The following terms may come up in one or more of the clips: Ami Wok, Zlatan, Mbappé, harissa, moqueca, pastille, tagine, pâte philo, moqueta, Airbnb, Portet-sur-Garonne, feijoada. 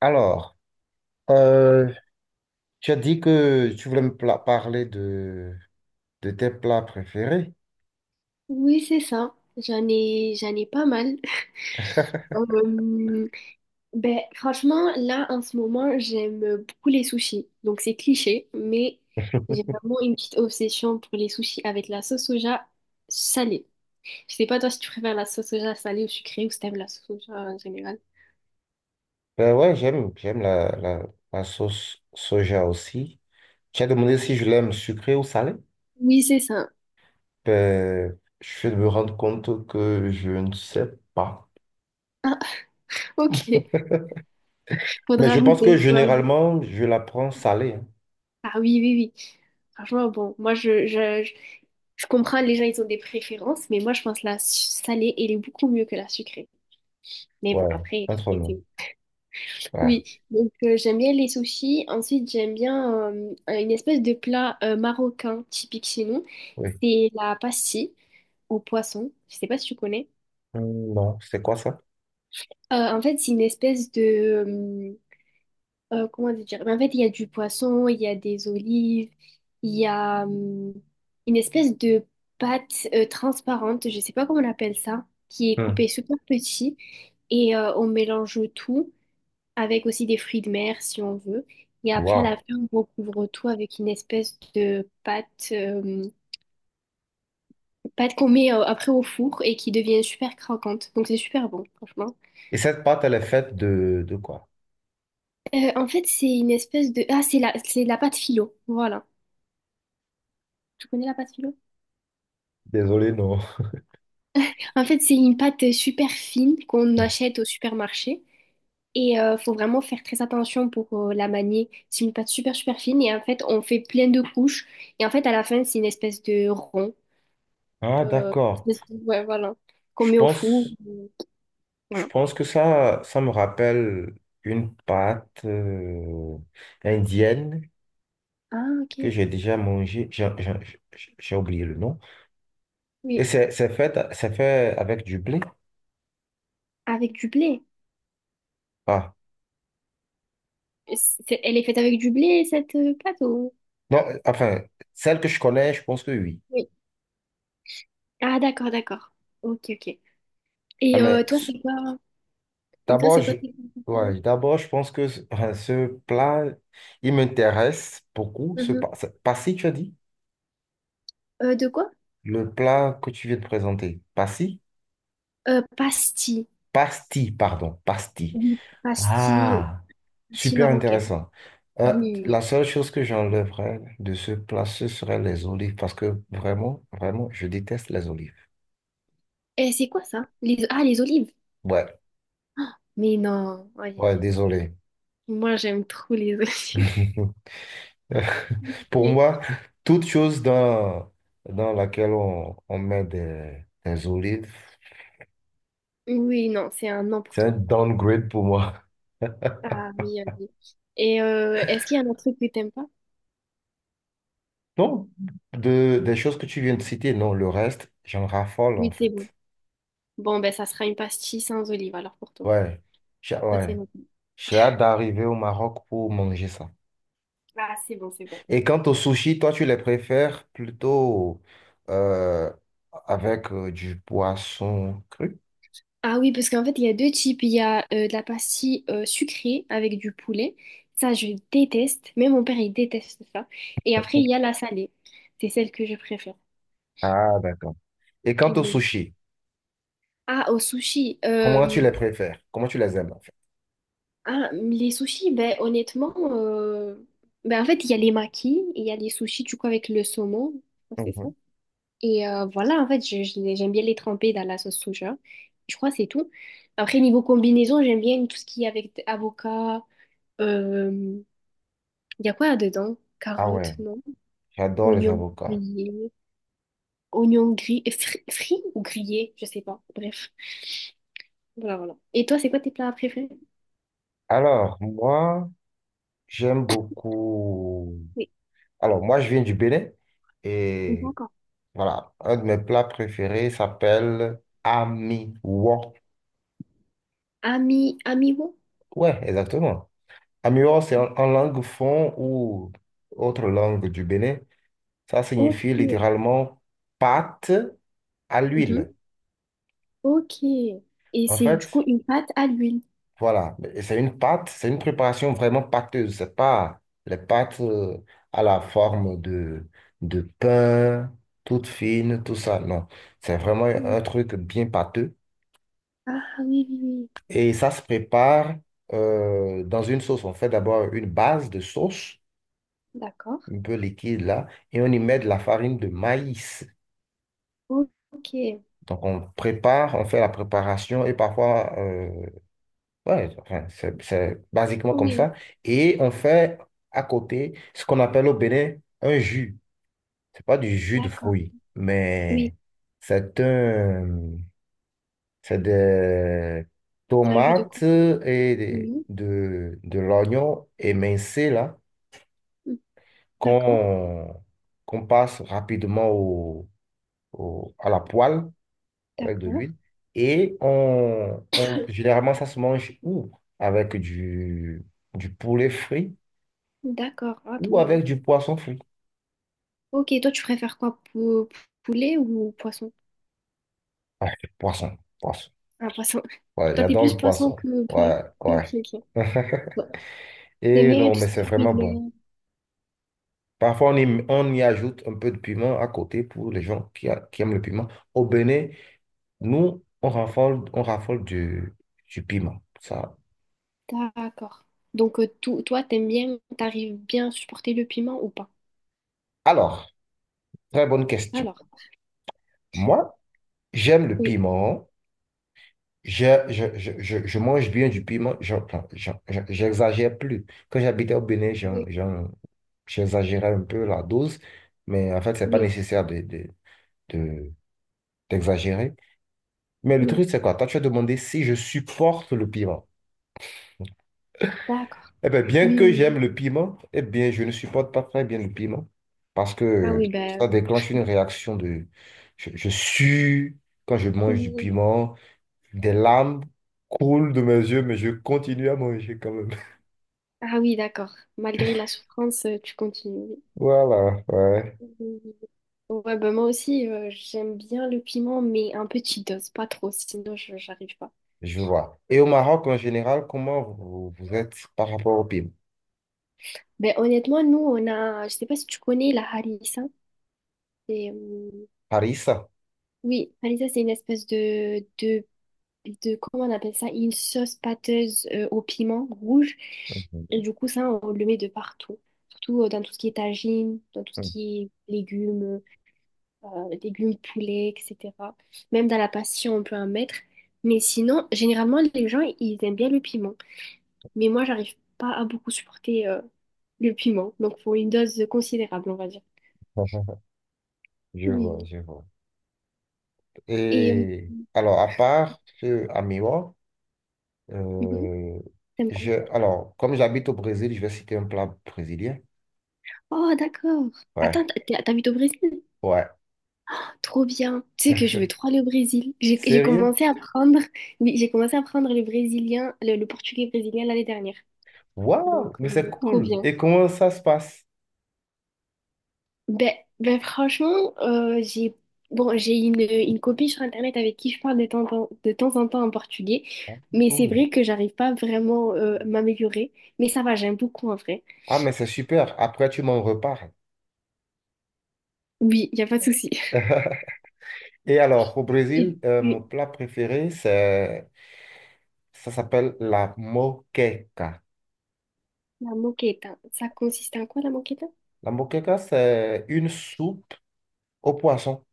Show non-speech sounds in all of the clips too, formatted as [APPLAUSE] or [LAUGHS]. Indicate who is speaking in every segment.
Speaker 1: Alors, euh, tu as dit que tu voulais parler de tes plats préférés.
Speaker 2: Oui, c'est ça. J'en ai pas mal. [LAUGHS] Euh, ben, franchement, là, en ce moment, j'aime beaucoup les sushis. Donc, c'est cliché, mais j'ai vraiment une petite obsession pour les sushis avec la sauce soja salée. Je sais pas, toi, si tu préfères la sauce soja salée ou sucrée ou si t'aimes la sauce soja en général.
Speaker 1: Ben ouais, j'aime la sauce soja aussi. Tu as demandé si je l'aime sucrée ou salée.
Speaker 2: Oui, c'est ça.
Speaker 1: Ben, je vais me rendre compte que je ne sais pas.
Speaker 2: Ah, [LAUGHS] ok.
Speaker 1: Mais
Speaker 2: Faudra
Speaker 1: je pense que
Speaker 2: goûter. Faudra goûter.
Speaker 1: généralement, je la prends salée, hein.
Speaker 2: Ah oui, oui, oui. Franchement, bon, moi, je comprends, les gens, ils ont des préférences, mais moi, je pense que la salée, elle est beaucoup mieux que la sucrée. Mais bon,
Speaker 1: Ouais,
Speaker 2: après,
Speaker 1: entre nous.
Speaker 2: j'ai,
Speaker 1: Ouais,
Speaker 2: oui. Donc, j'aime bien les sushis. Ensuite, j'aime bien une espèce de plat marocain typique chez nous.
Speaker 1: oui.
Speaker 2: C'est la pastille au poisson. Je sais pas si tu connais.
Speaker 1: Non, c'est quoi ça?
Speaker 2: En fait, c'est une espèce de, comment dire? Mais en fait, il y a du poisson, il y a des olives, il y a une espèce de pâte transparente, je sais pas comment on appelle ça, qui est
Speaker 1: Hum.
Speaker 2: coupée super petit. Et on mélange tout, avec aussi des fruits de mer si on veut. Et après, à la
Speaker 1: Wow.
Speaker 2: fin, on recouvre tout avec une espèce de pâte qu'on met après au four et qui devient super croquante. Donc c'est super bon, franchement.
Speaker 1: Et cette pâte, elle est faite de quoi?
Speaker 2: En fait, c'est une espèce de — ah, c'est la pâte philo. Voilà. Tu connais la pâte philo?
Speaker 1: Désolé, non.
Speaker 2: En fait, c'est une pâte super fine qu'on
Speaker 1: [LAUGHS]
Speaker 2: achète au supermarché. Et faut vraiment faire très attention pour la manier. C'est une pâte super super fine et en fait on fait plein de couches. Et en fait à la fin c'est une espèce de rond.
Speaker 1: Ah,
Speaker 2: Euh,
Speaker 1: d'accord.
Speaker 2: ouais, voilà. Qu'on
Speaker 1: Je
Speaker 2: met au four.
Speaker 1: pense, je
Speaker 2: Voilà.
Speaker 1: pense que ça me rappelle une pâte indienne
Speaker 2: Ah, ok.
Speaker 1: que j'ai déjà mangée. J'ai oublié le nom. Et
Speaker 2: Oui.
Speaker 1: c'est c'est fait avec du blé.
Speaker 2: Avec du blé.
Speaker 1: Ah,
Speaker 2: Elle est faite avec du blé, cette pâte ou...
Speaker 1: non, enfin, celle que je connais, je pense que oui.
Speaker 2: Oui. Ah, d'accord, d'accord. Ok, ok.
Speaker 1: Ah,
Speaker 2: Et toi, c'est quoi? Et toi,
Speaker 1: d'abord,
Speaker 2: c'est quoi
Speaker 1: je,
Speaker 2: tes préférés?
Speaker 1: ouais, d'abord, je pense que ce [LAUGHS] ce plat, il m'intéresse beaucoup.
Speaker 2: Mhm.
Speaker 1: Passi, tu as dit?
Speaker 2: De quoi?
Speaker 1: Le plat que tu viens de présenter. Passi?
Speaker 2: Pastis.
Speaker 1: Pasti, pardon. Pasti.
Speaker 2: Oui. Pastis,
Speaker 1: Ah,
Speaker 2: pastis
Speaker 1: super
Speaker 2: marocaine.
Speaker 1: intéressant.
Speaker 2: Oui, oui,
Speaker 1: La
Speaker 2: oui.
Speaker 1: seule chose que j'enlèverais de ce plat, ce serait les olives, parce que vraiment, je déteste les olives.
Speaker 2: Et c'est quoi ça? Les — ah, les olives.
Speaker 1: Ouais,
Speaker 2: Mais non. Aïe, aïe,
Speaker 1: ouais,
Speaker 2: aïe.
Speaker 1: désolé.
Speaker 2: Moi, j'aime trop les olives.
Speaker 1: [LAUGHS]
Speaker 2: [LAUGHS]
Speaker 1: Pour
Speaker 2: Oui,
Speaker 1: moi, toute chose dans laquelle on met des olives,
Speaker 2: oui, non, c'est un non pour
Speaker 1: c'est un
Speaker 2: toi.
Speaker 1: downgrade pour moi. [LAUGHS]
Speaker 2: Ah oui, ah oui. Et est-ce qu'il y a un autre truc que t'aimes pas?
Speaker 1: Non, des choses que tu viens de citer, non, le reste, j'en raffole en
Speaker 2: Oui, c'est bon.
Speaker 1: fait.
Speaker 2: Bon, ben ça sera une pastille sans olive alors pour toi.
Speaker 1: Ouais,
Speaker 2: Ça, c'est
Speaker 1: ouais.
Speaker 2: bon.
Speaker 1: J'ai hâte d'arriver au Maroc pour manger ça.
Speaker 2: Ah, c'est bon, c'est bon.
Speaker 1: Et quant aux sushis, toi, tu les préfères plutôt euh, avec du poisson cru?
Speaker 2: Ah oui, parce qu'en fait, il y a deux types. Il y a de la pastille sucrée avec du poulet. Ça, je déteste. Même mon père, il déteste ça. Et après, il y a la salée. C'est celle que je préfère.
Speaker 1: Ah, d'accord. Et quant aux
Speaker 2: Oui.
Speaker 1: sushis,
Speaker 2: Ah, au sushi.
Speaker 1: comment tu les préfères? Comment tu les aimes, en fait?
Speaker 2: Ah, les sushis, ben honnêtement, ben, en fait, il y a les makis, il y a les sushis, du coup, avec le saumon. Je crois que c'est ça.
Speaker 1: Mhm.
Speaker 2: Et voilà, en fait, j'aime bien les tremper dans la sauce soja. Je crois que c'est tout. Après, niveau combinaison, j'aime bien tout ce qui est avec avocat. Euh, Il y a quoi dedans?
Speaker 1: Ah ouais,
Speaker 2: Carottes, non?
Speaker 1: j'adore les
Speaker 2: Oignons
Speaker 1: avocats.
Speaker 2: grillés. Oignons gris, frits ou grillés? Je sais pas. Bref. Voilà, voilà. Et toi, c'est quoi tes plats préférés?
Speaker 1: Alors, moi, j'aime beaucoup.
Speaker 2: Oui,
Speaker 1: Alors, moi, je viens du Bénin et
Speaker 2: d'accord.
Speaker 1: voilà, un de mes plats préférés s'appelle Ami Wok.
Speaker 2: Amiwo?
Speaker 1: Ouais, exactement. Amiwa, c'est en langue fon ou autre langue du Bénin. Ça
Speaker 2: Ok.
Speaker 1: signifie littéralement pâte à l'huile.
Speaker 2: Mhm. Ok. Et
Speaker 1: En
Speaker 2: c'est du coup
Speaker 1: fait,
Speaker 2: une pâte à l'huile.
Speaker 1: voilà. Et c'est une pâte, c'est une préparation vraiment pâteuse. C'est pas les pâtes à la forme de pain, toute fine, tout ça. Non. C'est vraiment
Speaker 2: Oui.
Speaker 1: un truc bien pâteux.
Speaker 2: Ah oui, oui, oui.
Speaker 1: Et ça se prépare dans une sauce. On fait d'abord une base de sauce,
Speaker 2: D'accord.
Speaker 1: un peu liquide là, et on y met de la farine de maïs.
Speaker 2: Ok.
Speaker 1: Donc, on prépare, on fait la préparation et parfois, ouais, enfin, c'est basiquement comme
Speaker 2: Oui.
Speaker 1: ça. Et on fait à côté ce qu'on appelle au Bénin un jus. C'est pas du jus de
Speaker 2: D'accord.
Speaker 1: fruits,
Speaker 2: Oui,
Speaker 1: mais c'est un, c'est des
Speaker 2: c'est un jus de
Speaker 1: tomates
Speaker 2: quoi? Oui.
Speaker 1: l'oignon émincé là
Speaker 2: Mm. D'accord.
Speaker 1: qu'on qu'on passe rapidement à la poêle avec de
Speaker 2: D'accord.
Speaker 1: l'huile. Et généralement, ça se mange ou avec du poulet frit
Speaker 2: D'accord. Ah, trop
Speaker 1: ou avec
Speaker 2: bon.
Speaker 1: du poisson frit.
Speaker 2: Ok, toi, tu préfères quoi? Poulet ou poisson?
Speaker 1: Ouais, poisson.
Speaker 2: Ah, poisson. [LAUGHS]
Speaker 1: Ouais,
Speaker 2: Toi, t'es
Speaker 1: j'adore
Speaker 2: plus
Speaker 1: le
Speaker 2: poisson
Speaker 1: poisson.
Speaker 2: que poulet.
Speaker 1: Ouais,
Speaker 2: Ok,
Speaker 1: ouais.
Speaker 2: ok.
Speaker 1: [LAUGHS]
Speaker 2: Bon. T'aimes
Speaker 1: Et
Speaker 2: bien
Speaker 1: non,
Speaker 2: tout
Speaker 1: mais
Speaker 2: ce qui
Speaker 1: c'est
Speaker 2: est fruits
Speaker 1: vraiment
Speaker 2: de
Speaker 1: bon.
Speaker 2: mer.
Speaker 1: Parfois, on y ajoute un peu de piment à côté pour les gens qui aiment le piment. Au Bénin, nous, on raffole du piment. Ça.
Speaker 2: D'accord. Donc, toi, t'aimes bien, t'arrives bien à supporter le piment ou pas?
Speaker 1: Alors, très bonne question.
Speaker 2: Alors,
Speaker 1: Moi, j'aime le
Speaker 2: oui,
Speaker 1: piment. Je mange bien du piment, j'exagère plus. Quand j'habitais au Bénin,
Speaker 2: oui,
Speaker 1: j'exagérais un peu la dose, mais en fait, c'est pas
Speaker 2: oui,
Speaker 1: nécessaire de- d'exagérer. Mais le
Speaker 2: oui.
Speaker 1: truc, c'est quoi? Toi, tu as demandé si je supporte le piment.
Speaker 2: D'accord.
Speaker 1: Eh bien, bien
Speaker 2: Oui,
Speaker 1: que
Speaker 2: oui,
Speaker 1: j'aime
Speaker 2: oui.
Speaker 1: le piment, eh bien, je ne supporte pas très bien le piment parce
Speaker 2: Ah oui,
Speaker 1: que
Speaker 2: bah,
Speaker 1: ça déclenche une
Speaker 2: [LAUGHS]
Speaker 1: réaction de… Je sue quand je mange du
Speaker 2: oui.
Speaker 1: piment, des larmes coulent de mes yeux, mais je continue à manger quand même.
Speaker 2: Ah oui, d'accord. Malgré la souffrance, tu continues.
Speaker 1: Voilà, ouais,
Speaker 2: Oui, oui, oui. Ouais, bah moi aussi, j'aime bien le piment, mais un petit dose, pas trop, sinon je j'arrive pas.
Speaker 1: je vois. Et au Maroc en général, comment vous êtes par rapport au PIB?
Speaker 2: Ben honnêtement, nous, on a, je sais pas si tu connais la harissa. C'est,
Speaker 1: Paris, ça?
Speaker 2: oui, harissa, c'est une espèce de, comment on appelle ça, une sauce pâteuse au piment rouge. Et
Speaker 1: Mhm.
Speaker 2: du coup, ça, on le met de partout. Surtout dans tout ce qui est tagine, dans tout ce
Speaker 1: Hmm.
Speaker 2: qui est légumes, légumes poulet, etc. Même dans la pastille, on peut en mettre. Mais sinon, généralement, les gens, ils aiment bien le piment. Mais moi, j'arrive pas à beaucoup supporter le piment. Donc, faut une dose considérable, on va dire.
Speaker 1: [LAUGHS] Je vois,
Speaker 2: Oui.
Speaker 1: je vois.
Speaker 2: Et
Speaker 1: Et alors, à part ce amiwa,
Speaker 2: mhm,
Speaker 1: euh,
Speaker 2: t'aimes quoi?
Speaker 1: alors, comme j'habite au Brésil, je vais citer un plat brésilien.
Speaker 2: Oh, d'accord. Attends,
Speaker 1: Ouais,
Speaker 2: t'habites au Brésil?
Speaker 1: ouais.
Speaker 2: Trop bien. Tu sais que je veux trop aller au Brésil. J'ai
Speaker 1: Sérieux?
Speaker 2: commencé à apprendre, oui, j'ai commencé à apprendre le brésilien, le portugais brésilien l'année dernière. Donc,
Speaker 1: Waouh, mais c'est
Speaker 2: trop
Speaker 1: cool.
Speaker 2: bien.
Speaker 1: Et comment ça se passe?
Speaker 2: Ben, ben franchement, j'ai bon, j'ai une copine sur Internet avec qui je parle de temps en temps en portugais,
Speaker 1: Ah,
Speaker 2: mais c'est
Speaker 1: cool.
Speaker 2: vrai que j'arrive pas vraiment à m'améliorer, mais ça va, j'aime beaucoup en vrai.
Speaker 1: Ah, mais c'est super. Après, tu m'en reparles.
Speaker 2: Oui, il a pas de souci. [LAUGHS]
Speaker 1: [LAUGHS] Et alors, au
Speaker 2: Et
Speaker 1: Brésil, mon
Speaker 2: puis,
Speaker 1: plat préféré, c'est… Ça s'appelle la moqueca.
Speaker 2: la moqueta, ça consiste en quoi la moqueta?
Speaker 1: La moqueca, c'est une soupe au poisson,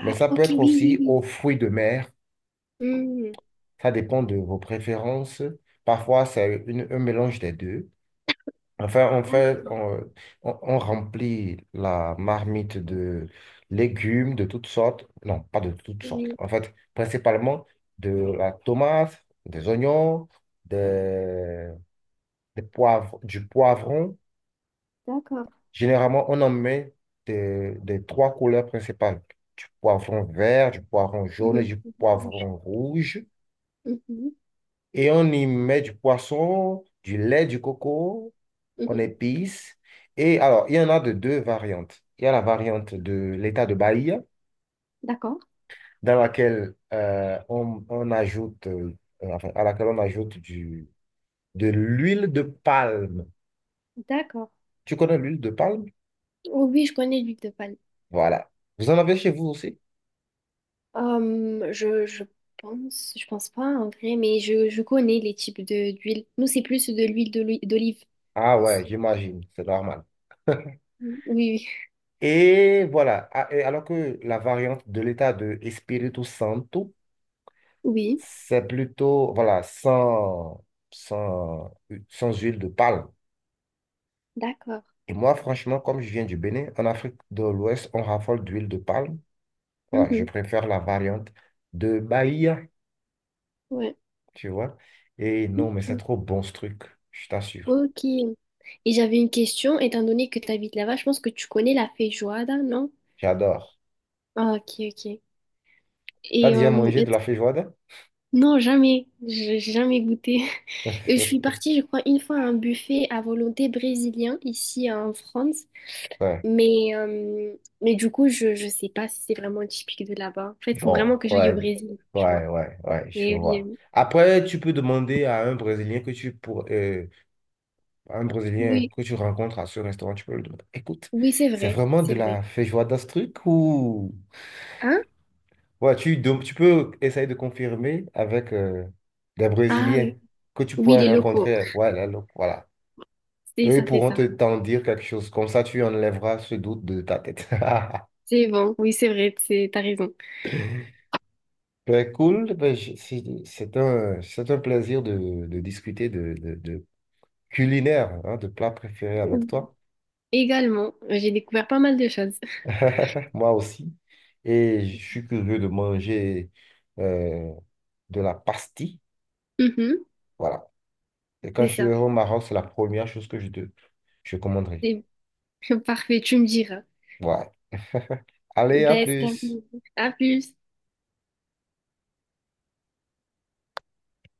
Speaker 1: mais ça peut
Speaker 2: ok,
Speaker 1: être
Speaker 2: oui, oui,
Speaker 1: aussi aux
Speaker 2: oui.
Speaker 1: fruits de mer.
Speaker 2: Hmm,
Speaker 1: Ça dépend de vos préférences. Parfois, un mélange des deux. Enfin, on fait,
Speaker 2: d'accord,
Speaker 1: on remplit la marmite de légumes de toutes sortes. Non, pas de toutes sortes.
Speaker 2: oui,
Speaker 1: En fait, principalement de la tomate, des oignons, des, des poivres, du poivron.
Speaker 2: d'accord.
Speaker 1: Généralement, on en met des trois couleurs principales, du poivron vert, du poivron jaune et
Speaker 2: Mhm,
Speaker 1: du poivron rouge.
Speaker 2: mhm, mhm,
Speaker 1: Et on y met du poisson, du lait, du coco, on
Speaker 2: mhm.
Speaker 1: épice. Et alors, il y en a de deux variantes. Il y a la variante de l'état de Bahia,
Speaker 2: D'accord,
Speaker 1: dans laquelle on ajoute, enfin, à laquelle on ajoute de l'huile de palme.
Speaker 2: d'accord.
Speaker 1: Tu connais l'huile de palme?
Speaker 2: Oh oui, je connais l'huile de palme.
Speaker 1: Voilà. Vous en avez chez vous aussi?
Speaker 2: Euh, je, je je pense pas en vrai, mais je connais les types de d'huile. Nous, c'est plus de l'huile d'olive
Speaker 1: Ah ouais,
Speaker 2: ici.
Speaker 1: j'imagine, c'est normal.
Speaker 2: Mm. Oui,
Speaker 1: Et voilà, et alors que la variante de l'état de Espírito Santo,
Speaker 2: oui, oui,
Speaker 1: c'est plutôt, voilà, sans, sans huile de palme.
Speaker 2: d'accord.
Speaker 1: Et moi, franchement, comme je viens du Bénin, en Afrique de l'Ouest, on raffole d'huile de palme. Voilà, je
Speaker 2: Mhm,
Speaker 1: préfère la variante de Bahia,
Speaker 2: ouais,
Speaker 1: tu vois. Et non, mais c'est
Speaker 2: ok.
Speaker 1: trop bon ce truc, je t'assure.
Speaker 2: Ok. Et j'avais une question, étant donné que tu habites là-bas, je pense que tu connais la feijoada, non?
Speaker 1: J'adore.
Speaker 2: Ah, ok, ok.
Speaker 1: T'as
Speaker 2: Et
Speaker 1: déjà
Speaker 2: euh,
Speaker 1: mangé
Speaker 2: et-
Speaker 1: de la feijoada?
Speaker 2: non, jamais, j'ai jamais goûté. [LAUGHS] Et je suis
Speaker 1: [LAUGHS]
Speaker 2: partie, je crois, une fois à un buffet à volonté brésilien ici en France.
Speaker 1: Ouais.
Speaker 2: Mais, euh, mais du coup, je sais pas si c'est vraiment typique de là-bas. En fait, il faut vraiment
Speaker 1: Bon,
Speaker 2: que j'aille au Brésil, tu vois.
Speaker 1: ouais, je
Speaker 2: Et oui,
Speaker 1: vois. Après, tu peux demander à un Brésilien que tu pour à un Brésilien
Speaker 2: oui,
Speaker 1: que
Speaker 2: oui,
Speaker 1: tu rencontres à ce restaurant, tu peux lui demander, écoute,
Speaker 2: oui, c'est
Speaker 1: c'est
Speaker 2: vrai,
Speaker 1: vraiment de
Speaker 2: c'est vrai.
Speaker 1: la feijoada ce truc ou
Speaker 2: Hein?
Speaker 1: ouais, tu peux essayer de confirmer avec des
Speaker 2: Ah
Speaker 1: Brésiliens
Speaker 2: oui,
Speaker 1: que tu
Speaker 2: oui,
Speaker 1: pourrais
Speaker 2: les locaux.
Speaker 1: rencontrer. Ouais là donc, voilà.
Speaker 2: C'est
Speaker 1: Eux, ils
Speaker 2: ça, c'est
Speaker 1: pourront
Speaker 2: ça.
Speaker 1: te t'en dire quelque chose. Comme ça, tu enlèveras ce doute de ta tête. [LAUGHS]
Speaker 2: C'est bon, oui, c'est vrai, c'est, t'as raison.
Speaker 1: Ben, cool, c'est c'est un plaisir de discuter culinaire, hein, de plat préféré avec toi.
Speaker 2: Également, j'ai découvert pas mal de choses. [LAUGHS]
Speaker 1: [LAUGHS] Moi aussi. Et je suis curieux de manger euh, de la pastille.
Speaker 2: Mhm,
Speaker 1: Voilà. Et quand
Speaker 2: c'est
Speaker 1: je serai
Speaker 2: ça.
Speaker 1: au Maroc, c'est la première chose que je commanderai.
Speaker 2: C'est [LAUGHS] parfait, tu me diras.
Speaker 1: Ouais. [LAUGHS] Allez, à
Speaker 2: Ben, c'est un
Speaker 1: plus.
Speaker 2: plaisir. À plus.